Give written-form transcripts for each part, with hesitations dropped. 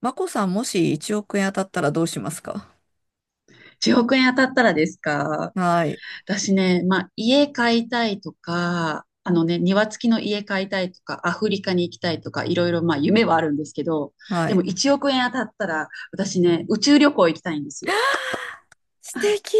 マコさん、もし1億円当たったらどうしますか？1億円当たったらですか？はい。私ね、まあ、家買いたいとか、庭付きの家買いたいとか、アフリカに行きたいとか、いろいろまあ夢はあるんですけど、はでい。も1億円当たったら、私ね、宇宙旅行行きたいんですよ。素敵。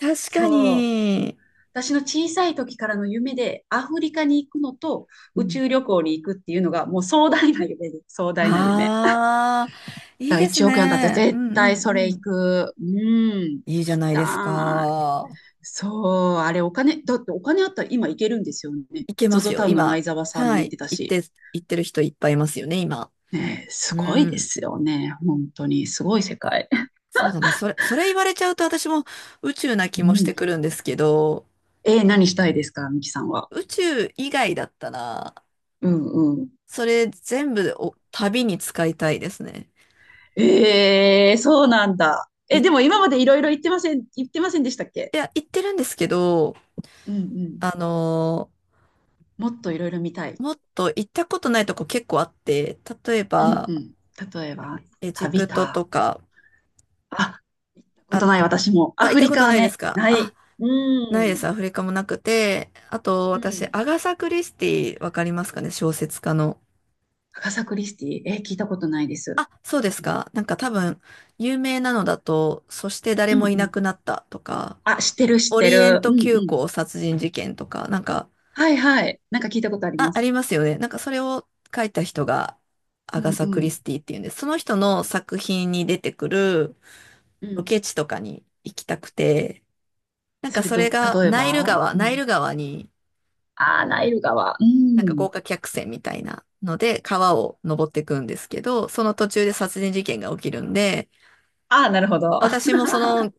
確かそう。に。私の小さい時からの夢で、アフリカに行くのと、う宇ん。宙旅行に行くっていうのが、もう壮大な夢です。壮大な夢。ああ、いいだからです1億円当たったね。らう絶んうん対それう行ん。く。うん、行いいじゃきないですたか。そう、あれだってお金あったら今行けるんですよね。いけゾますゾよ、タウンの今。前澤さんもは行っい。てたし。行ってる人いっぱいいますよね、今。ねえ、すうごいでん。すよね。本当に、すごい世界。そうだな。それ言われちゃうと私も宇宙なう気もしてん。くるんですけど、何したいですか、ミキさんは？宇宙以外だったら、うんうん。それ全部を旅に使いたいですね。ええそうなんだ。行え、っでも今までいろいろ言ってませんでしたっけ？いや、行ってるんですけど、うんうん。あのーもっといろいろ見たい。もっと行ったことないとこ結構あって、例えうんば、うん。例えば、エジ旅プトか。とか、あ、ことあ、ない私も。あ、ア行っフたリこカとはないですね、かなあ、い。うないでん。す。アフリカもなくて、あと、う私、ん。アガサ・クリスティ、わかりますかね、小説家の。アガサ・クリスティ、聞いたことないです。あ、そうですか。なんか多分、有名なのだと、そして誰うんもいうなん。くなったとか、あ、知ってる知っオてリエンる。うんトう急ん。行殺人事件とか、なんか、はいはい。なんか聞いたことありあ、まありす。ますよね。なんかそれを書いた人がアうガんサ・うクリん。スティっていうんです。その人の作品に出てくるうロん。ケ地とかに行きたくて、なんそかれそれと、が例えナイルば川、うナイん。ル川に、ああ、ナイル川。うなんかん。豪華客船みたいなので川を登っていくんですけど、その途中で殺人事件が起きるんで、ああ、なるほど。私もその、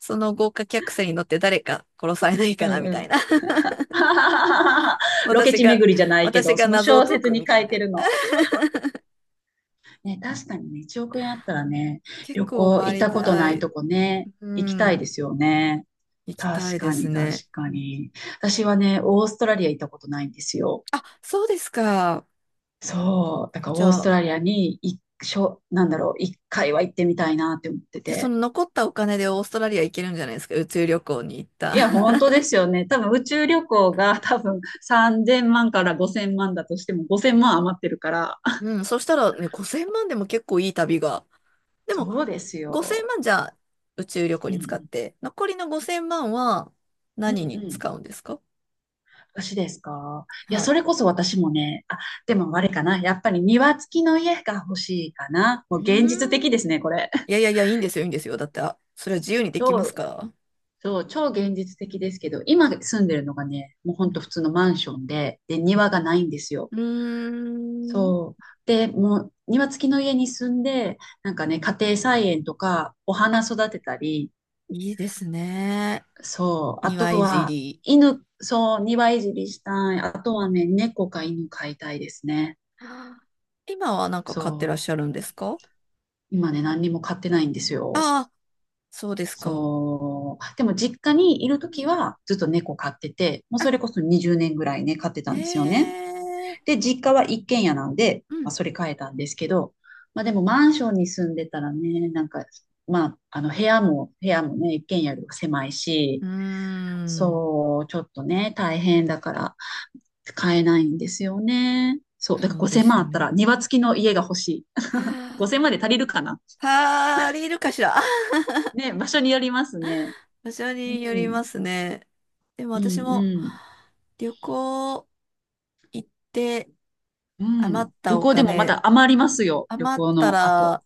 その豪華客船に乗って誰か殺されないうかなんみうたいん。な。ロケ私地が、巡りじゃないけ私ど、がその謎を小解説くにみた書いいてな。るの。ね、確かにね、1億円あったらね、結旅構行行っ回りたことたないい。とこね、う行きたいでん。すよね。行きた確いでかすに、確ね。かに。私はね、オーストラリア行ったことないんですよ。あ、そうですか。そう、だからじオーゃスあ、トラリアに一しょ、なんだろう、一回は行ってみたいなって思ってで、そて。の残ったお金でオーストラリア行けるんじゃないですか。宇宙旅行に行った。いや、本 当ですよね。多分宇宙旅行が 多分3000万から5000万だとしても5000万余ってるから。うん、そしたらね、5000万でも結構いい旅が。でも、そうです5000よ。万じゃあ宇宙旅行うに使っんて、残りの5000万はうん。何うにんうん。使うんですか？私ですか。いや、はそい。れこそ私もね、あ、でもあれかな。やっぱり庭付きの家が欲しいかな。うもう現実ー的ん。ですね、これ。いやいやいや、いいんですよ、いいんですよ。だって、あ、それは自由にできます超から。そう、超現実的ですけど、今住んでるのがね、もうほうんとん普通のマンションで、うん。庭がないんですよ。うーん。そう。で、もう庭付きの家に住んで、なんかね、家庭菜園とか、お花あ、育てたり、いいですね。そう。あ庭といじは、り。犬、そう、庭いじりしたい。あとはね、猫か犬飼いたいですね。あー今はなんか買ってらっそしゃるんですか？う。今ね、何にも飼ってないんですよ。ああー、そうですか。そう。でも実家にいるうときんはずっと猫飼ってて、もうあ、それこそ20年ぐらいね、飼ってえたんですよね。えで、実家は一軒家なんで、うまあ、ん。それ変えたんですけど、まあでもマンションに住んでたらね、なんか、まあ、部屋もね、一軒家よりは狭いし、うーん。そう、ちょっとね、大変だから買えないんですよね。そう、だからそうで5千す万あよったらね。庭付きの家が欲しい。は5千0あ、万で足りるかな？パーリーいるかしら。あ、ね、場所によりますね。場所うによりん、ますね。でもう私もん、旅行行ってうん、う余ん。っ旅たお行でもま金、だ余りますよ、旅余っ行たの後。ら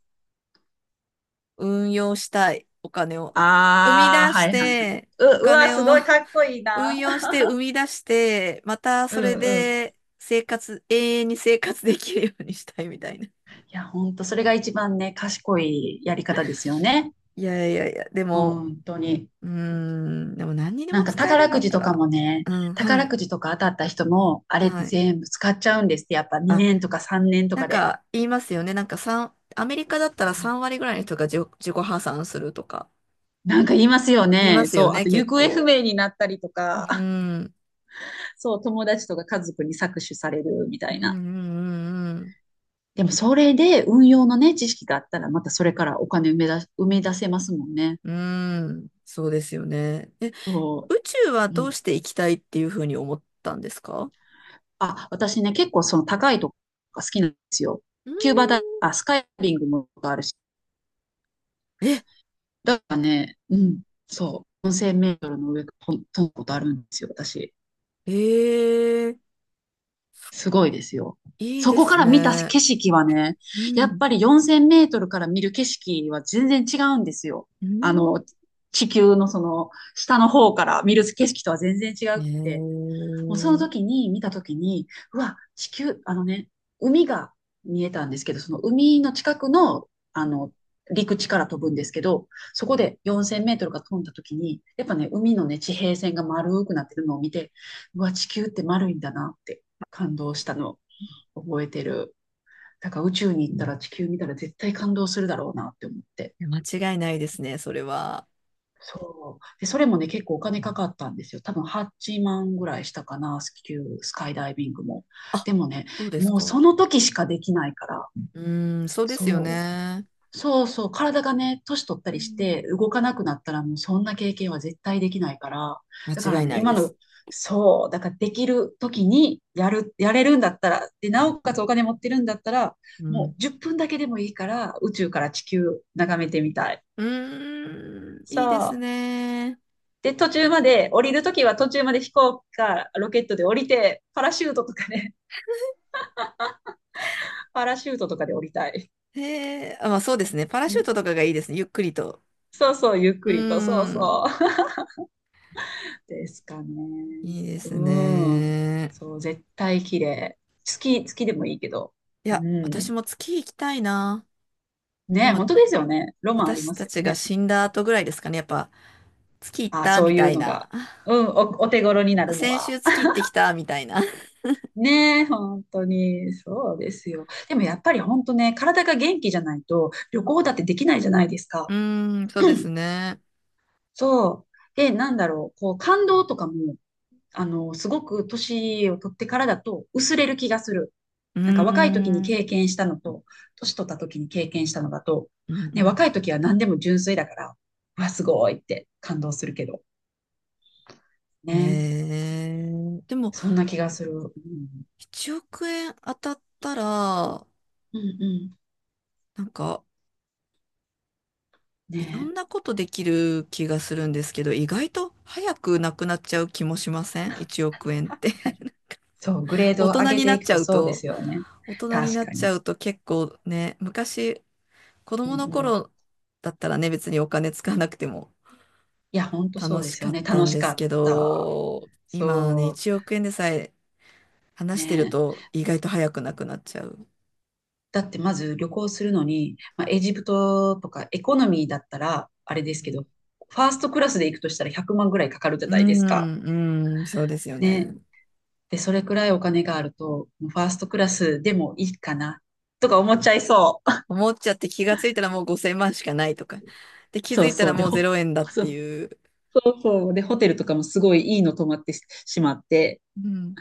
運用したい。お金を。生み出あー、はしいはいはい。て、おうわ、金すを ごいかっこいい な。運用して生み出して、またうそれんうん。いで生活、永遠に生活できるようにしたいみたいな。や、本当それが一番ね、賢いやり方ですよね。いやいやいや、でも、本当に。うーん、でも何にでなんもか使える宝んだくっじたとから、もね、うん、は宝い、くじとか当たった人も、あれっはてい。全部使っちゃうんですって、やっぱあ、2年とか3年となんかで。か言いますよね。なんかアメリカだったうらん。3割ぐらいの人が自己破産するとかなんか言いますよ言いまね。すよそう。あね、と、行結方不構。明になったりとうか、ん、そう、友達とか家族に搾取されるみたうん、ういな。ん、うん。うん、でも、それで運用のね、知識があったら、またそれからお金埋め出せますもんね。うーん、そうですよね。え、そ宇宙はどうう。して行きたいっていうふうに思ったんですか？あ、私ね、結構その高いとこが好きなんですよ。うーキューバだ、ん。あ、スカイダイビングもあるし。え、だからね、うん、そう。4000メートルの上飛んだことあるんですよ、私。ええ。すごいですよ。いいそでこかすら見たね。景色はね、うやっん。ぱり4000メートルから見る景色は全然違うんですよ。うあん、の、地球のその下の方から見る景色とは全然違くて。もうそのえ時に見た時に、うわ、地球、海が見えたんですけど、その海の近くの、陸地から飛ぶんですけど、そこで4000メートルが飛んだ時に、やっぱね、海のね、地平線が丸くなってるのを見て、うわ、地球って丸いんだなって感動したのを覚えてる。だから宇宙に行ったら地球見たら絶対感動するだろうなって思って。え、間違いないですね、それは。そう。で、それもね、結構お金かかったんですよ。多分8万ぐらいしたかな、スキュー、スカイダイビングも。あ、でもね、そうですもうか。そうの時しかできないから、ん、そうですよそう。ね。そうそう、体がね、年取ったうりしん、て動かなくなったらもうそんな経験は絶対できないから、だか間ら違いね、ない今での、す。そう、だからできる時にやれるんだったら、で、なおかつお金持ってるんだったら、うもうん。10分だけでもいいから宇宙から地球眺めてみたい。うーん、いいですそう。ね。で、途中まで、降りるときは途中まで飛行機かロケットで降りて、パラシュートとかね、パラシュートとかで降りたい。へえ、あ、まあそうですね。パラうシューん。トとかがいいですね。ゆっくりと。そうそう、ゆっうくーりと、そうん。そう。ですかね。いいですうん。ね。そう、絶対綺麗。月でもいいけど。いうや、ん。私も月行きたいな。でね、も、本当ですよね。ロマンあり私またすよちがね。死んだ後ぐらいですかね。やっぱ、月行っあ、たそうみいたういのな。が。うん、お手頃になあ、るの先は。週月行ってきたみたいな。ねえ、本当に、そうですよ。でもやっぱり本当ね、体が元気じゃないと旅行だってできないじゃないですうか。ーん、そうですね。そう。で、なんだろう、こう、感動とかも、すごく年を取ってからだと薄れる気がする。うーん。なんか若い時にうん経験したのと、年取った時に経験したのだと、うね、ん、若い時は何でも純粋だから、うわ、すごいって感動するけど、ね。えでも、そんな気がする。うん、1億円当たったら、うん、うん。なんか、いろね。んなことできる気がするんですけど、意外と早くなくなっちゃう気もしません？ 1 億円っ確て。かに。そう、グレード大を上人げになていっくちゃとうそうでと。すよね。大人に確なっかちに。ゃうと結構ね、昔、子う供のんうん。頃だったらね、別にお金使わなくてもいや、ほんとそ楽うでしすかよっね。た楽んしでかすけった。ど、今はね、そ1億円でさえう。話してるね。と意外と早くなくなっちゃう。だってまず旅行するのに、まあ、エジプトとかエコノミーだったら、あれですけど、ファーストクラスで行くとしたら100万ぐらいかかるじゃうないですか。ん、うん、そうですよね。ね。で、それくらいお金があると、もうファーストクラスでもいいかな、とか思っちゃいそう。思っちゃって気がついたらもう5000万しかないとか。で、気づそういたそらう。で、もう0円だっそてういう。そう。で、ホテルとかもすごいいいの泊まってししまって、うん。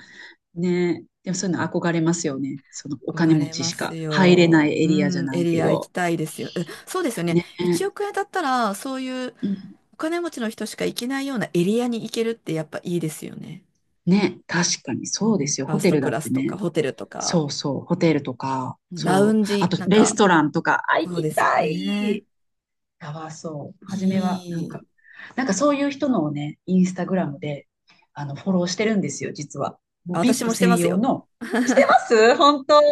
ね。でもそういうの憧れますよね。そのお金憧持れちましすか入れないよ。エうリアじゃん、なエいリけア行きど。たいですよ。え、そうですよね。ね。1億円だったら、そういううん。お金持ちの人しか行けないようなエリアに行けるってやっぱいいですよね。ね、確かにうそうでん、すよ。ファーホステトルクだっラてスとか、ね、ホテルとか、そうそう、ホテルとか、ラウそンう、あジ、となんレか、ストランとか、あ、行そうきですよたね。い。やばそう。初めは、なんいか、い。なんかそういう人のをね、インスタうグラムんで、フォローしてるんですよ、実は。もあ、う 私 VIP もしてま専す用よ。の、してます本当。い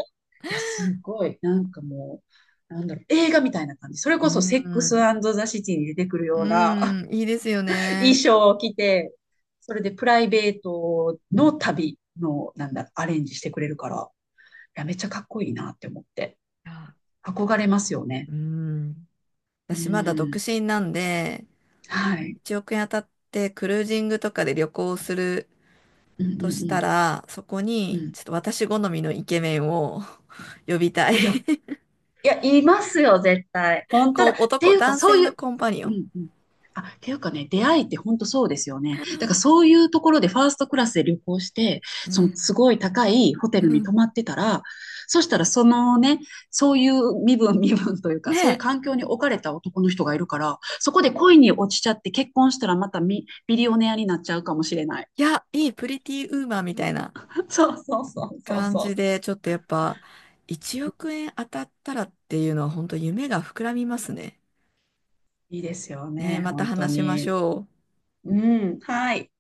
や、すごい。なんかもう、なんだろう、映画みたいな感じ。それうこそ、セックスん。ザ・シティに出てくるうような ん、いいですよ 衣ね。装を着て、それでプライベートの旅の、なんだ、アレンジしてくれるから。や、めっちゃかっこいいなって思って、あ憧れますよね。うん。う私まだ独ん。身なんで、はい。1億円当たってクルージングとかで旅行するうんとしうたんら、そこうん。うにん。ちょっと私好みのイケメンを 呼びたい。いや、いや、いますよ、絶対。本当こだ。うっていうか、男そ性ういのう、コンパニオうン。んうん。あ、っていうかね、出会いって本当そうですよね。だからそういうところでファーストクラスで旅行して、うそのん。すごい高いホテうルに泊ん、まってたら、そしたらそのね、そういう身分というか、ねそういうえ。環境に置かれた男の人がいるから、そこで恋に落ちちゃって結婚したらまたビリオネアになっちゃうかもしれない。いや、いい、プリティウーマンみたいなそうそうそうそう感じそで、ちょっとやっぱ、1億円当たったらっていうのは、本当夢が膨らみますね。う。いいですよねえ、ね、また本当話しましに。ょう。うん、はい。